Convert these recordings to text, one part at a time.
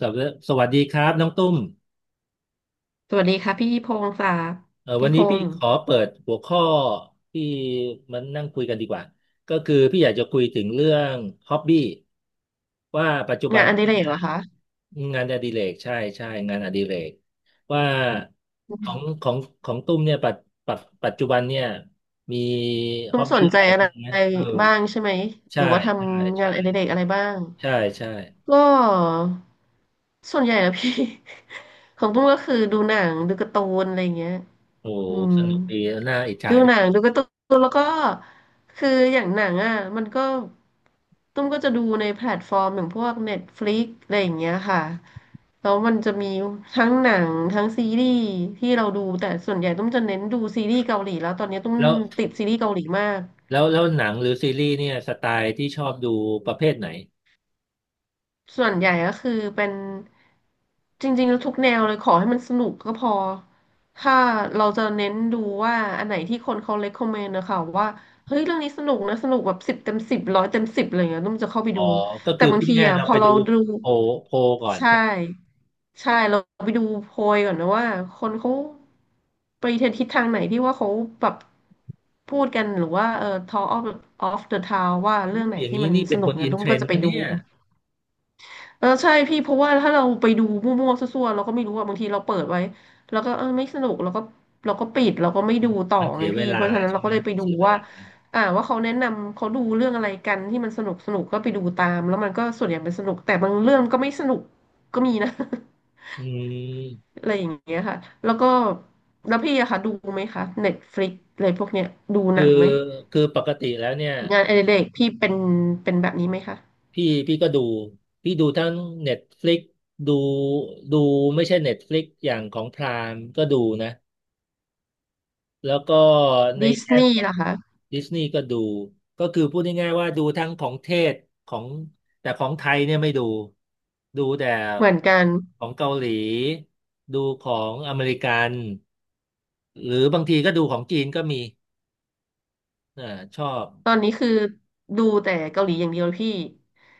สวัสดีสวัสดีครับน้องตุ้มสวัสดีค่ะพี่พงศ์ค่ะวัพี่นพนี้พี่งศ์ขอเปิดหัวข้อที่มันนั่งคุยกันดีกว่าก็คือพี่อยากจะคุยถึงเรื่องฮ็อบบี้ว่าปัจจุบังานนอดิเรกเนี่ยเหรอคะงานอดิเรกใช่ใช่งานอดิเรกว่าอืของมของของตุ้มเนี่ยปัจปัจจุบันเนี่ยมีตุ้ฮ็อมบสบี้นใจอะไรอะไรบ้างนะเออบ้างใช่ไหมหใช่รือว่าทใช่ำงาใช่นอดิเรกอะไรบ้างใช่ใช่ก็ส่วนใหญ่อะพี่ ของตุ้มก็คือดูหนังดูการ์ตูนอะไรอย่างเงี้ยโอ้อืม สนุกดีน่าอิจฉาดูจัหนังงดูการ์ตูนแล้วก็คืออย่างหนังอ่ะมันก็ตุ้มก็จะดูในแพลตฟอร์มอย่างพวก Netflix อะไรอย่างเงี้ยค่ะแล้วมันจะมีทั้งหนังทั้งซีรีส์ที่เราดูแต่ส่วนใหญ่ตุ้มจะเน้นดูซีรีส์เกาหลีแล้วตอนนี้ตุ้มแล้ว ติดซีรีส์เกาหลีมาก แล้วหนังหรือซีรีส์เนี่ยสไตล์ที่ชอบดูประเภทไหนส่วนใหญ่ก็คือเป็นจริงๆแล้วทุกแนวเลยขอให้มันสนุกก็พอถ้าเราจะเน้นดูว่าอันไหนที่คนเขา recommend นะคะว่าเฮ้ยเรื่องนี้สนุกนะสนุกแบบสิบเต็มสิบร้อยเต็มสิบอะไรเงี้ยนุ่มจะเข้าไปอ๋อดูก็แต่คือบาพูงดทีง่ายๆอ่ะเราพอไปเราดูดูโพลโพลก่อนใช่ใช่ไหมใช่เราไปดูโพยก่อนนะว่าคนเขาไปทิศทางไหนที่ว่าเขาแบบพูดกันหรือว่าtalk of the town ว่าอเรื่อมงไหนอย่างที่นี้มันนี่สเป็นนุคกนเนี่อิยนนุ่เทมรก็นจะด์ไปปะดู เนี่ยใช่พี่เพราะว่าถ้าเราไปดูมั่วๆซั่วๆเราก็ไม่รู้ว่าบางทีเราเปิดไว้แล้วก็ไม่สนุกเราก็เราก็ปิดเราก็ไม่ดูต่อมันเสีไงยเวพี่ลาเพราะฉะนั้นใช่เราไหก็มเลยไปดูเสียเวว่าลาว่าเขาแนะนำเขาดูเรื่องอะไรกันที่มันสนุกสนุกก็ไปดูตามแล้วมันก็ส่วนใหญ่เป็นสนุกแต่บางเรื่องก็ไม่สนุกก็มีนะ อืม อะไรอย่างเงี้ยค่ะแล้วก็แล้วพี่อะค่ะดูไหมคะเน็ตฟลิกอะไรพวกเนี้ยดูหคืนัองไหมคือปกติแล้วเนี่ยงานอดิเรกพี่เป็นเป็นแบบนี้ไหมคะพี่ก็ดูพี่ดูทั้ง Netflix ดูดูไม่ใช่ Netflix อย่างของพรามก็ดูนะ แล้วก็ในดิสแง่นีขย์องล่ะคะดิสนีย์ก็ดู ก็คือพูดง่ายๆว่าดูทั้งของเทศของแต่ของไทยเนี่ยไม่ดู ดูแต่เหมือนกัน ของเกาหลีดูของอเมริกันหรือบางทีก็ดูของจีนก็มีอ่าชอบตอนนี้คือดูแต่เกาหลีอย่างเดียวพี่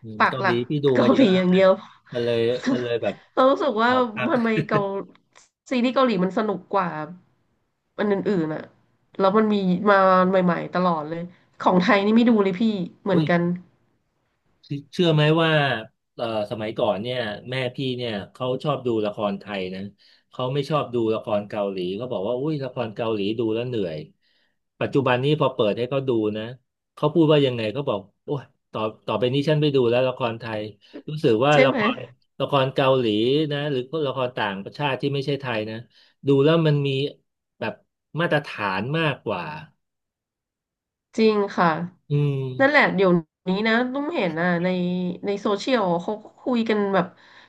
อืมปักเกาหหลัลีกที่ดูเกามาเยหลีอะแล้อวย่างไงเดียว มันเลยมันเลยแบบ เรารู้สึกอว่าอกพัก ทำไมเกาซีรีส์เกาหลีมันสนุกกว่าอันอื่นๆอะแล้วมันมีมาใหม่ๆตลอดเลย ของไทยนี่ไม่ดูเลยพี่เหมือนกันเชื่อไหมว่าเอ่อสมัยก่อนเนี่ยแม่พี่เนี่ยเขาชอบดูละครไทยนะเขาไม่ชอบดูละครเกาหลีเขาบอกว่าอุ้ยละครเกาหลีดูแล้วเหนื่อยปัจจุบันนี้พอเปิดให้เขาดูนะเขาพูดว่ายังไงเขาบอกโอ้ยต่อต่อไปนี้ฉันไม่ดูแล้วละครไทยรู้สึกว่าใช่ละไหคม รละครเกาหลีนะหรือละครต่างประชาติที่ไม่ใช่ไทยนะดูแล้วมันมีแบบมาตรฐานมากกว่าจริงค่ะอืมนั่นแหละเดี๋ยวนี้นะตุ้มเห็นอ่ะในในโซเชียลเขาก็คุยกันแบบ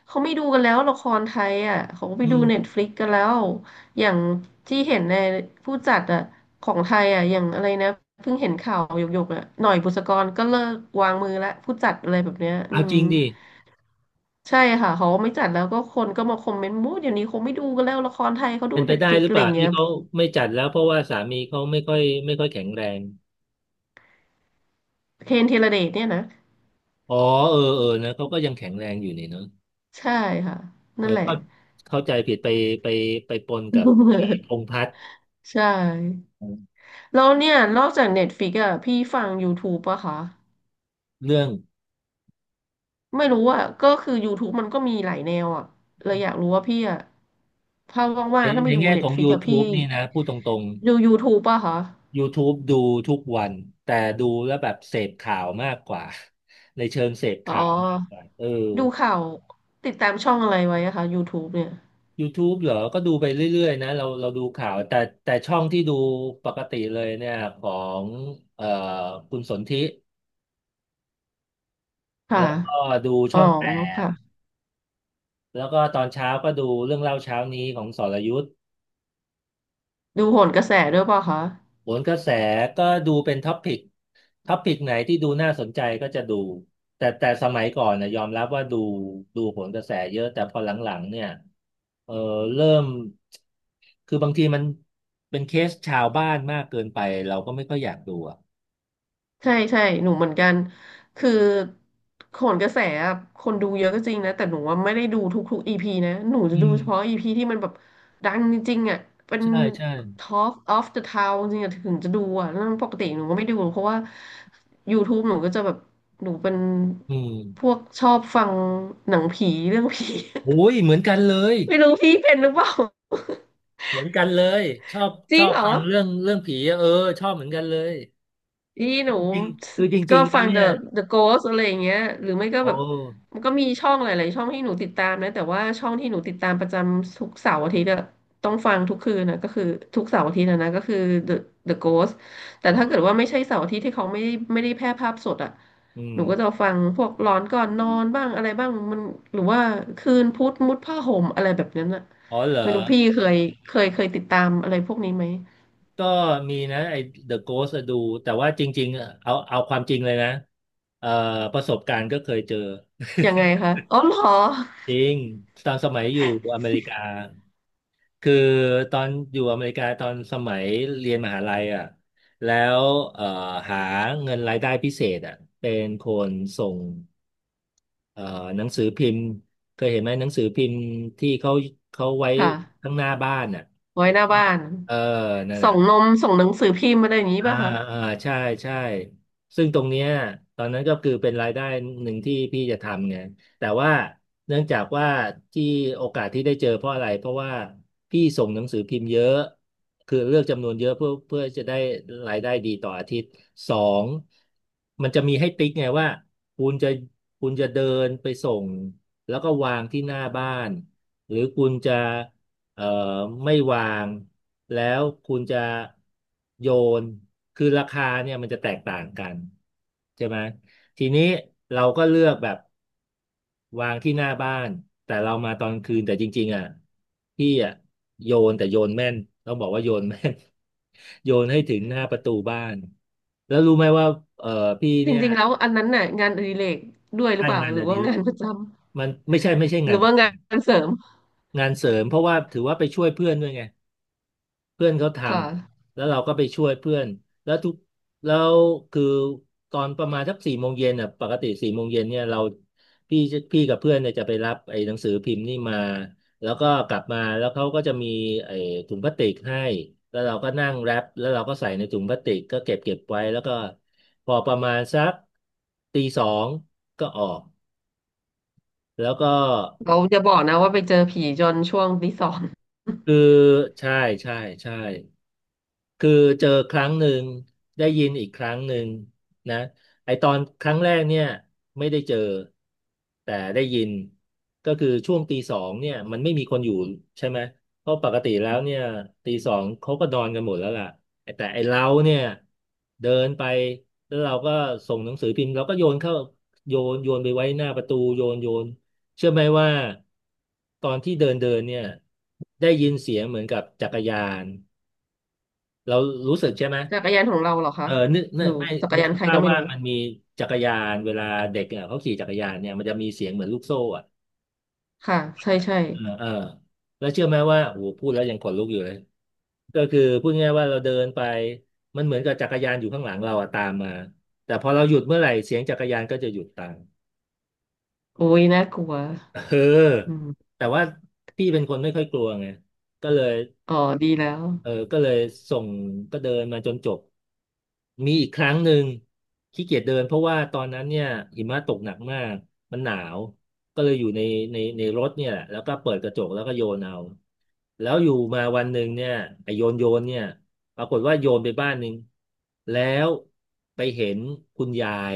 เขาไม่ดูกันแล้วละครไทยอ่ะเขาก็ไปอืดูเน็ตมฟลิกกันแล้วอย่างที่เห็นในผู้จัดอ่ะของไทยอ่ะอย่างอะไรนะเพิ่งเห็นข่าวหยกๆอ่ะหน่อยบุษกรก็เลิกวางมือละผู้จัดอะไรแบบเนี้ยอืเอามจริงดิ ใช่ค่ะเขาไม่จัดแล้วก็คนก็มาคอมเมนต์มู้เดี๋ยวนี้คงไม่ดูกันแล้วละครไทยเขาดูเป็นไปเน็ตฟได้ลิกหรืออะเปไรอล่าย่างเงี้ที่ยเขาไม่จัดแล้วเพราะว่าสามีเขาไม่ค่อยแข็งแรง เคนธีรเดชเนี่ยนะอ๋อเออเออนะเขาก็ยังแข็งแรงอยู่นี่เนาะใช่ค่ะเออนั่นแหละ ก็เข้าใจผิดไปไปปนกับไอ้พ งษ์พัฒน์ใช่แล้วเนี่ยนอกจาก Netflix อ่ะพี่ฟัง YouTube ปะคะเรื่องไม่รู้อ่ะก็คือ YouTube มันก็มีหลายแนวอ่ะเลยอยากรู้ว่าพี่อ่ะถ้าว่าในงๆถ้าไม่ในดู แง่ของ Netflix อ่ะพี่ YouTube นี่นะพูดตรงดู YouTube ปะคะๆ YouTube ดูทุกวันแต่ดูแล้วแบบเสพข่าวมากกว่าในเชิงเสพอ๋อข่าวมากกว่าเออ ดูข่าวติดตามช่องอะไรไว้อะคะ YouTube เนี่ย YouTube เหรอ ก็ดูไปเรื่อยๆนะเราดูข่าวแต่ช่องที่ดูปกติเลยเนี่ยของเอ่อคุณสนธิค่ะแล้วก็ดูอ๋อช่องแปดค่ะแล้วก็ตอนเช้าก็ดูเรื่องเล่าเช้านี้ของสรยุทธ์ดูโหนกระแสด้วยปะคะ โหนกระแสก็ดูเป็นท็อปิกไหนที่ดูน่าสนใจก็จะดูแต่สมัยก่อนนะยอมรับว่าดูโหนกระแสเยอะแต่พอหลังๆเนี่ยเออเริ่มคือบางทีมันเป็นเคสชาวบ้านมากเกินไปเราก็ไม่ค่อยอยากดูอะ ใช่ใช่หนูเหมือนกันคือโขนกระแสอะคนดูเยอะก็จริงนะแต่หนูว่าไม่ได้ดูทุกๆอีพีนะหนูจะอืดูมเฉพาะอีพีที่มันแบบดังจริงๆอ่ะเป็น ใช่ใช่ Talk of the Town จริงๆอะถึงจะดูอ่ะแล้วปกติหนูก็ไม่ดูเพราะว่า YouTube หนูก็จะแบบหนูเป็นอืมพวกชอบฟังหนังผีเรื่องผี โอ้ยเหมือนกันเลย ไม่รู้พี่เป็นหรือเปล่า เหมือนกันเลยชอบ จชริองบเหรฟัอ งเรื่องผีอะเออชอบเหมือนกันเลยอีหนูจริงๆคือจก็ริงๆแล้ฟัวง เนี่ ย The Ghost อะไรอย่างเงี้ยหรือไม่ก็โอ้แบบมันก็มีช่องหลายๆช่องให้หนูติดตามนะแต่ว่าช่องที่หนูติดตามประจำทุกเสาร์อาทิตย์อะต้องฟังทุกคืนนะก็คือทุกเสาร์อาทิตย์นะก็คือ The The Ghost แต่อ๋อถ้าเกิดว่าไม่ใช่เสาร์อาทิตย์ที่เขาไม่ได้แพร่ภาพสดอะอืมหนูก็จะฟังพวกหลอนก่อนนอนบ้างอะไรบ้างมันหรือว่าคืนพุธมุดผ้าห่มอะไรแบบนั้นอะอ๋อเหรอไม่รู้พี่เคยเคยติดตามอะไรพวกนี้ไหมก็มีนะไอ้ The Ghost อะดูแต่ว่าจริงๆอะเอาความจริงเลยนะเอ่อประสบการณ์ก็เคยเจอ ยังไงคะอ๋อเหรอ จริงตอนสมัยอยู่อเมริกา คือตอนอยู่อเมริกาตอนสมัยเรียนมหาลัยอ่ะแล้วเอ่อหาเงินรายได้พิเศษอ่ะเป็นคนส่งเอ่อหนังสือพิมพ์เคยเห็นไหมหนังสือพิมพ์ที่เขาไว้ค่ะ ข้างหน้าบ้านอ่ะไว้แล้วหน้าก็บ้านเออนั่นส่น่ะ งนมส่งหนังสือพิมพ์อะไรอย่างนี้อ่าป่ะคะอ่าใช่ใช่ซึ่งตรงเนี้ยตอนนั้นก็คือเป็นรายได้หนึ่งที่พี่จะทำไงแต่ว่าเนื่องจากว่าที่โอกาสที่ได้เจอเพราะอะไรเพราะว่าพี่ส่งหนังสือพิมพ์เยอะคือเลือกจำนวนเยอะเพื่อจะได้รายได้ดีต่ออาทิตย์สองมันจะมีให้ติ๊กไงว่าคุณจะคุณจะเดินไปส่งแล้วก็วางที่หน้าบ้านหรือคุณจะ เอ่อไม่วางแล้วคุณจะโยนคือราคาเนี่ยมันจะแตกต่างกันใช่ไหมทีนี้เราก็เลือกแบบวางที่หน้าบ้านแต่เรามาตอนคืนแต่จริงๆอ่ะพี่อ่ะโยนแต่โยนแม่นต้องบอกว่าโยนแม่น โยนให้ถึงหน้าประตูบ้านแล้วรู้ไหมว่าเอ่อพี่จเนี่ยริงๆแล้วอันนั้นน่ะงานอดิเรกด้วยหรืได้อเปล่างานหอรือดิว่าเรกงานประจำมันไม่ใช่หงารืนอปว่าระจงานเสริมำงานเสริมเพราะว่าถือว่าไปช่วยเพื่อนด้วยไง เพื่อนเขาทค่ะำแล้วเราก็ไปช่วยเพื่อนแล้วแล้วคือตอนประมาณสักสี่โมงเย็นอ่ะปกติสี่โมงเย็นเนี่ยเราพี่พี่กับเพื่อนเนี่ยจะไปรับไอ้หนังสือพิมพ์นี่มาแล้วก็กลับมาแล้วเขาก็จะมีไอ้ถุงพลาสติกให้แล้วเราก็นั่งแรปแล้วเราก็ใส่ในถุงพลาสติกก็เก็บไว้แล้วก็พอประมาณสักตีสองก็ออกแล้วก็เราจะบอกนะว่าไปเจอผีจนช่วงตีสอง คือใช่ใช่ใช่ คือเจอครั้งหนึ่งได้ยินอีกครั้งหนึ่งนะไอตอนครั้งแรกเนี่ยไม่ได้เจอแต่ได้ยินก็คือช่วงตีสองเนี่ยมันไม่มีคนอยู่ใช่ไหมเพราะปกติแล้วเนี่ยตีสองเขาก็นอนกันหมดแล้วล่ะแต่ไอเราเนี่ยเดินไปแล้วเราก็ส่งหนังสือพิมพ์เราก็โยนเข้าโยนโยนไปไว้หน้าประตูโยนโยนเชื่อไหมว่าตอนที่เดินเดินเนี่ยได้ยินเสียงเหมือนกับจักรยาน เรารู้สึกใช่ไหม จักรยานของเราเหรอคะเออนึกนึหรืกอไม่จักรนึกยานใครภาก็พไม่ว่ารู้มันมีจักรยาน เวลาเด็กเนี่ยเขาขี่จักรยานเนี่ยมันจะมีเสียงเหมือนลูกโซ่อ่ะค่ะใช่ใช่เออเออแล้วเชื่อไหมว่าโอ้โหพูดแล้วยังขนลุกอยู่เลยก็คือพูดง่ายๆว่าเราเดินไปมันเหมือนกับจักรยานอยู่ข้างหลังเราอะตามมา แต่พอเราหยุดเมื่อไหร่เสียงจักรยานก็จะหยุดตามโอ้ยน่ากลัวเอออืมแต่ว่าพี่เป็นคนไม่ค่อยกลัวไงก็เลย อ๋อดีแล้วเออก็เลยส่งก็เดินมาจนจบมีอีกครั้งหนึ่งขี้เกียจเดินเพราะว่าตอนนั้นเนี่ยหิมะตกหนักมากมันหนาวก็เลยอยู่ในในรถเนี่ยแหละแล้วก็เปิดกระจกแล้วก็โยนเอาแล้วอยู่มาวันหนึ่งเนี่ยไอโยนโยนเนี่ยปรากฏว่าโยนไปบ้านหนึ่งแล้วไปเห็นคุณยาย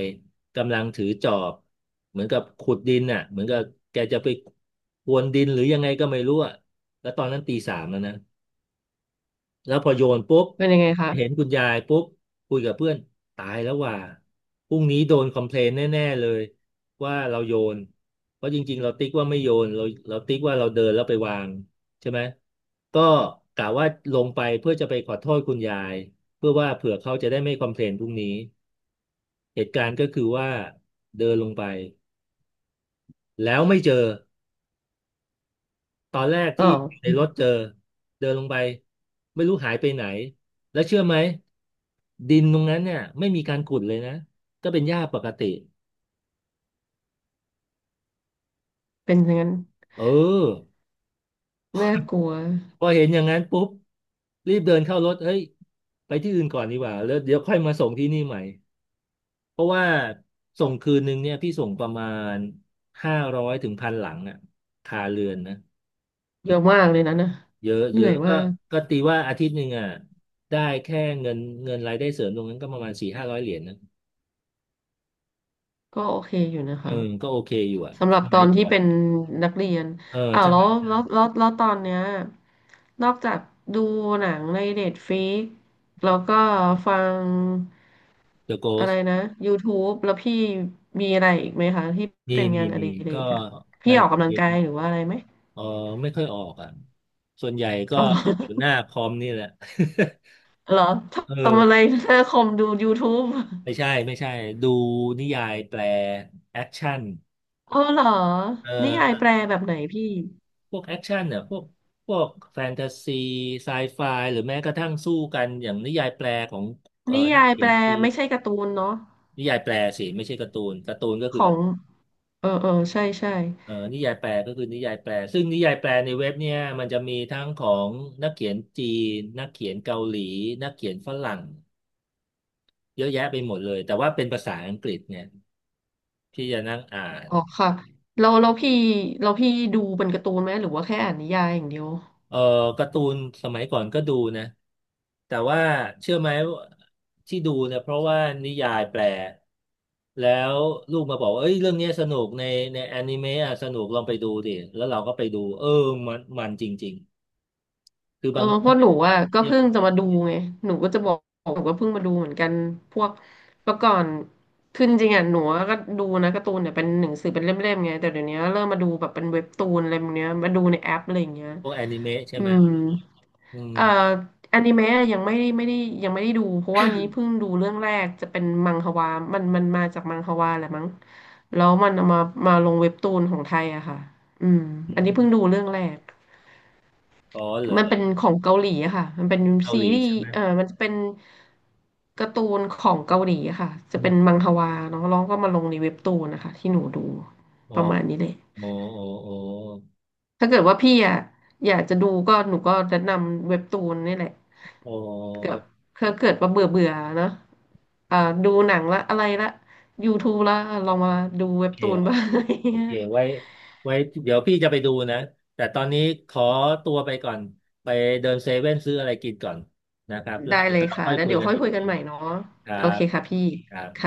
กำลังถือจอบเหมือนกับขุดดินน่ะเหมือนกับแกจะไปพรวนดินหรือยังไงก็ไม่รู้อะแล้วตอนนั้นตีสามแล้วนะ แล้วพอโยนปุ๊บเป็นยังไงเห็นคะคุณยายปุ๊บคุยกับเพื่อนตายแล้วว่าพรุ่งนี้โดนคอมเพลนแน่ๆเลยว่าเราโยนเพราะจริงๆเราติ๊กว่าไม่โยนเราเราติ๊กว่าเราเดินแล้วไปวางใช่ไหมก็กะว่าลงไปเพื่อจะไปขอโทษคุณยายเพื่อว่าเผื่อเขาจะได้ไม่คอมเพลนพรุ่งนี้เหตุการณ์ก็คือว่าเดินลงไปแล้วไม่เจอ ตอนแรกอ๋อที่อยู่ในอืมรถเจอเดินลงไปไม่รู้หายไปไหนแล้วเชื่อไหมดินตรงนั้นเนี่ยไม่มีการขุดเลยนะก็เป็นหญ้าปกติเป็นอย่างนั้นเออน่ากลัวพอเห็นอย่างนั้นปุ๊บรีบเดินเข้ารถเฮ้ยไปที่อื่นก่อนดีกว่าแล้วเดี๋ยวค่อยมาส่งที่นี่ใหม่เพราะว่าส่งคืนหนึ่งเนี่ยพี่ส่งประมาณห้าร้อยถึงพันหลังอ่ะคาเรือนนะเยอะมากเลยนะนะเยอะเหเยนื่ออะยก็มากก็ตีว่าอาทิตย์หนึ่งอ่ะได้แค่เงินเงินรายได้เสริมตรงนั้นก็ประมาณสี่ห้าร้อยเหรียญนะ ก็โอเคอยู่นะเออคะ ก็โอเคอยู่อ่ะสำหรัสบตมัอยนก่ที่อนเป็นนักเรียนเอออ้าวใช่ แล้วตอนเนี้ยนอกจากดูหนังในเน็ตฟ i ิกแล้วก็ฟัง The อะไร Ghost นะ YouTube แล้วพี่มีอะไรอีกไหมคะที่มีเป็นมีงานอมีดิเรก็กอะพี่งานออกกำลัเองงกายหรือว่าอะไรไหมเออไม่ค่อยออกอ่ะ ส่วนใหญ่ก็อ๋อเหรอจะอยู่หน้าคอมนี่แหละ เหรอ เออทำอะไรหน้าคอมดูยูทูบไม่ใช่ ดูนิยายแปลแอคชั่นอ๋อเหรอเอ่นิยายอแปลแบบไหนพี่พวกแอคชั่นเนี่ยพวกแฟนตาซีไซไฟหรือแม้กระทั่งสู้กันอย่างนิยายแปลของนินักยายเขีแปยลนจีนไม่ใช่การ์ตูนเนาะนิยายแปลสิ ไม่ใช่การ์ตูนการ์ตูนก็ขคือ องเออเออใช่ใช่ นิยายแปลก็คือนิยายแปลซึ่งนิยายแปลในเว็บเนี่ยมันจะมีทั้งของนักเขียนจีนนักเขียนเกาหลีนักเขียนฝรั่งเยอะแยะไปหมดเลยแต่ว่าเป็นภาษาอังกฤษเนี่ยที่จะนั่งอ่าอ๋อนค่ะเราเราพี่เราพี่ดูเป็นการ์ตูนไหมหรือว่าแค่อ่านนิยายอย่างเดียวเออการ์ตูนสมัยก่อนก็ดูนะแต่ว่าเชื่อไหมว่าที่ดูเนี่ยเพราะว่านิยายแปลแล้วลูกมาบอกว่าเอ้ยเรื่องเนี้ยสนุกในแอนิเมะอะสนุกลองไปดูดิแล้วเราก็ไปดูเออมันจริงๆคือเออบาง เพ ราะหเป็นูอ่ะก็เพิ่งนจะมาดูไงหนูก็จะบอกหนูก็เพิ่งมาดูเหมือนกันพวกเมื่อก่อนคือจริงๆอ่ะหนูก็ดูนะการ์ตูนเนี่ยเป็นหนังสือเป็นเล่มๆไงแต่เดี๋ยวนี้เริ่มมาดูแบบเป็นเว็บตูนอะไรแบบเนี้ยมาดูในแอปอะไรอย่างเงี้ยพวกแอนิเมะใช่อืไหม ม อืมเอ่ออนิเมะอะยังไม่ได้ไม่ได้ยังไม่ได้ดูเพราะว่านี้เพิ่งดูเรื่องแรกจะเป็นมังฮวามันมาจากมังฮวาแหละมั้งแล้วมันเอามาลงเว็บตูนของไทยอะค่ะอืมออันนี้เพิ่งมดูเรื่องแรกอ๋อเหรอมันเป็นของเกาหลีอะค่ะมันเป็นเกาซีหลีรีส์ใช่ไหมเออมันจะเป็นการ์ตูนของเกาหลีอะค่ะจะอืเป็นมมังฮวาเนาะแล้วก็มาลงในเว็บตูนนะคะที่หนูดูอ๋อประมาณนี้เลยอ๋ออ๋อถ้าเกิดว่าพี่อะอยากจะดูก็หนูก็แนะนำเว็บตูนนี่แหละ อ๋อเกิดอเขาเกิดว่าเบื่อเบื่อเนอะอ่าดูหนังละอะไรละ ๋อ YouTube ละลองมาดูโอเว็บเคตูนโอบ้าเคโอเคง ไว้เดี๋ยวพี่จะไปดูนะแต่ตอนนี้ขอตัวไปก่อนไปเดินเซเว่นซื้ออะไรกินก่อนนะครับ แล้วได้เดี๋ยเลยวเราค่ะ ค่อยแล้วคุยเดี๋ยวกันค่อยอีกคุยกัทีนใหหม่นึ่งเนาะครัโอเคบค่ะพี่ครับค่ะ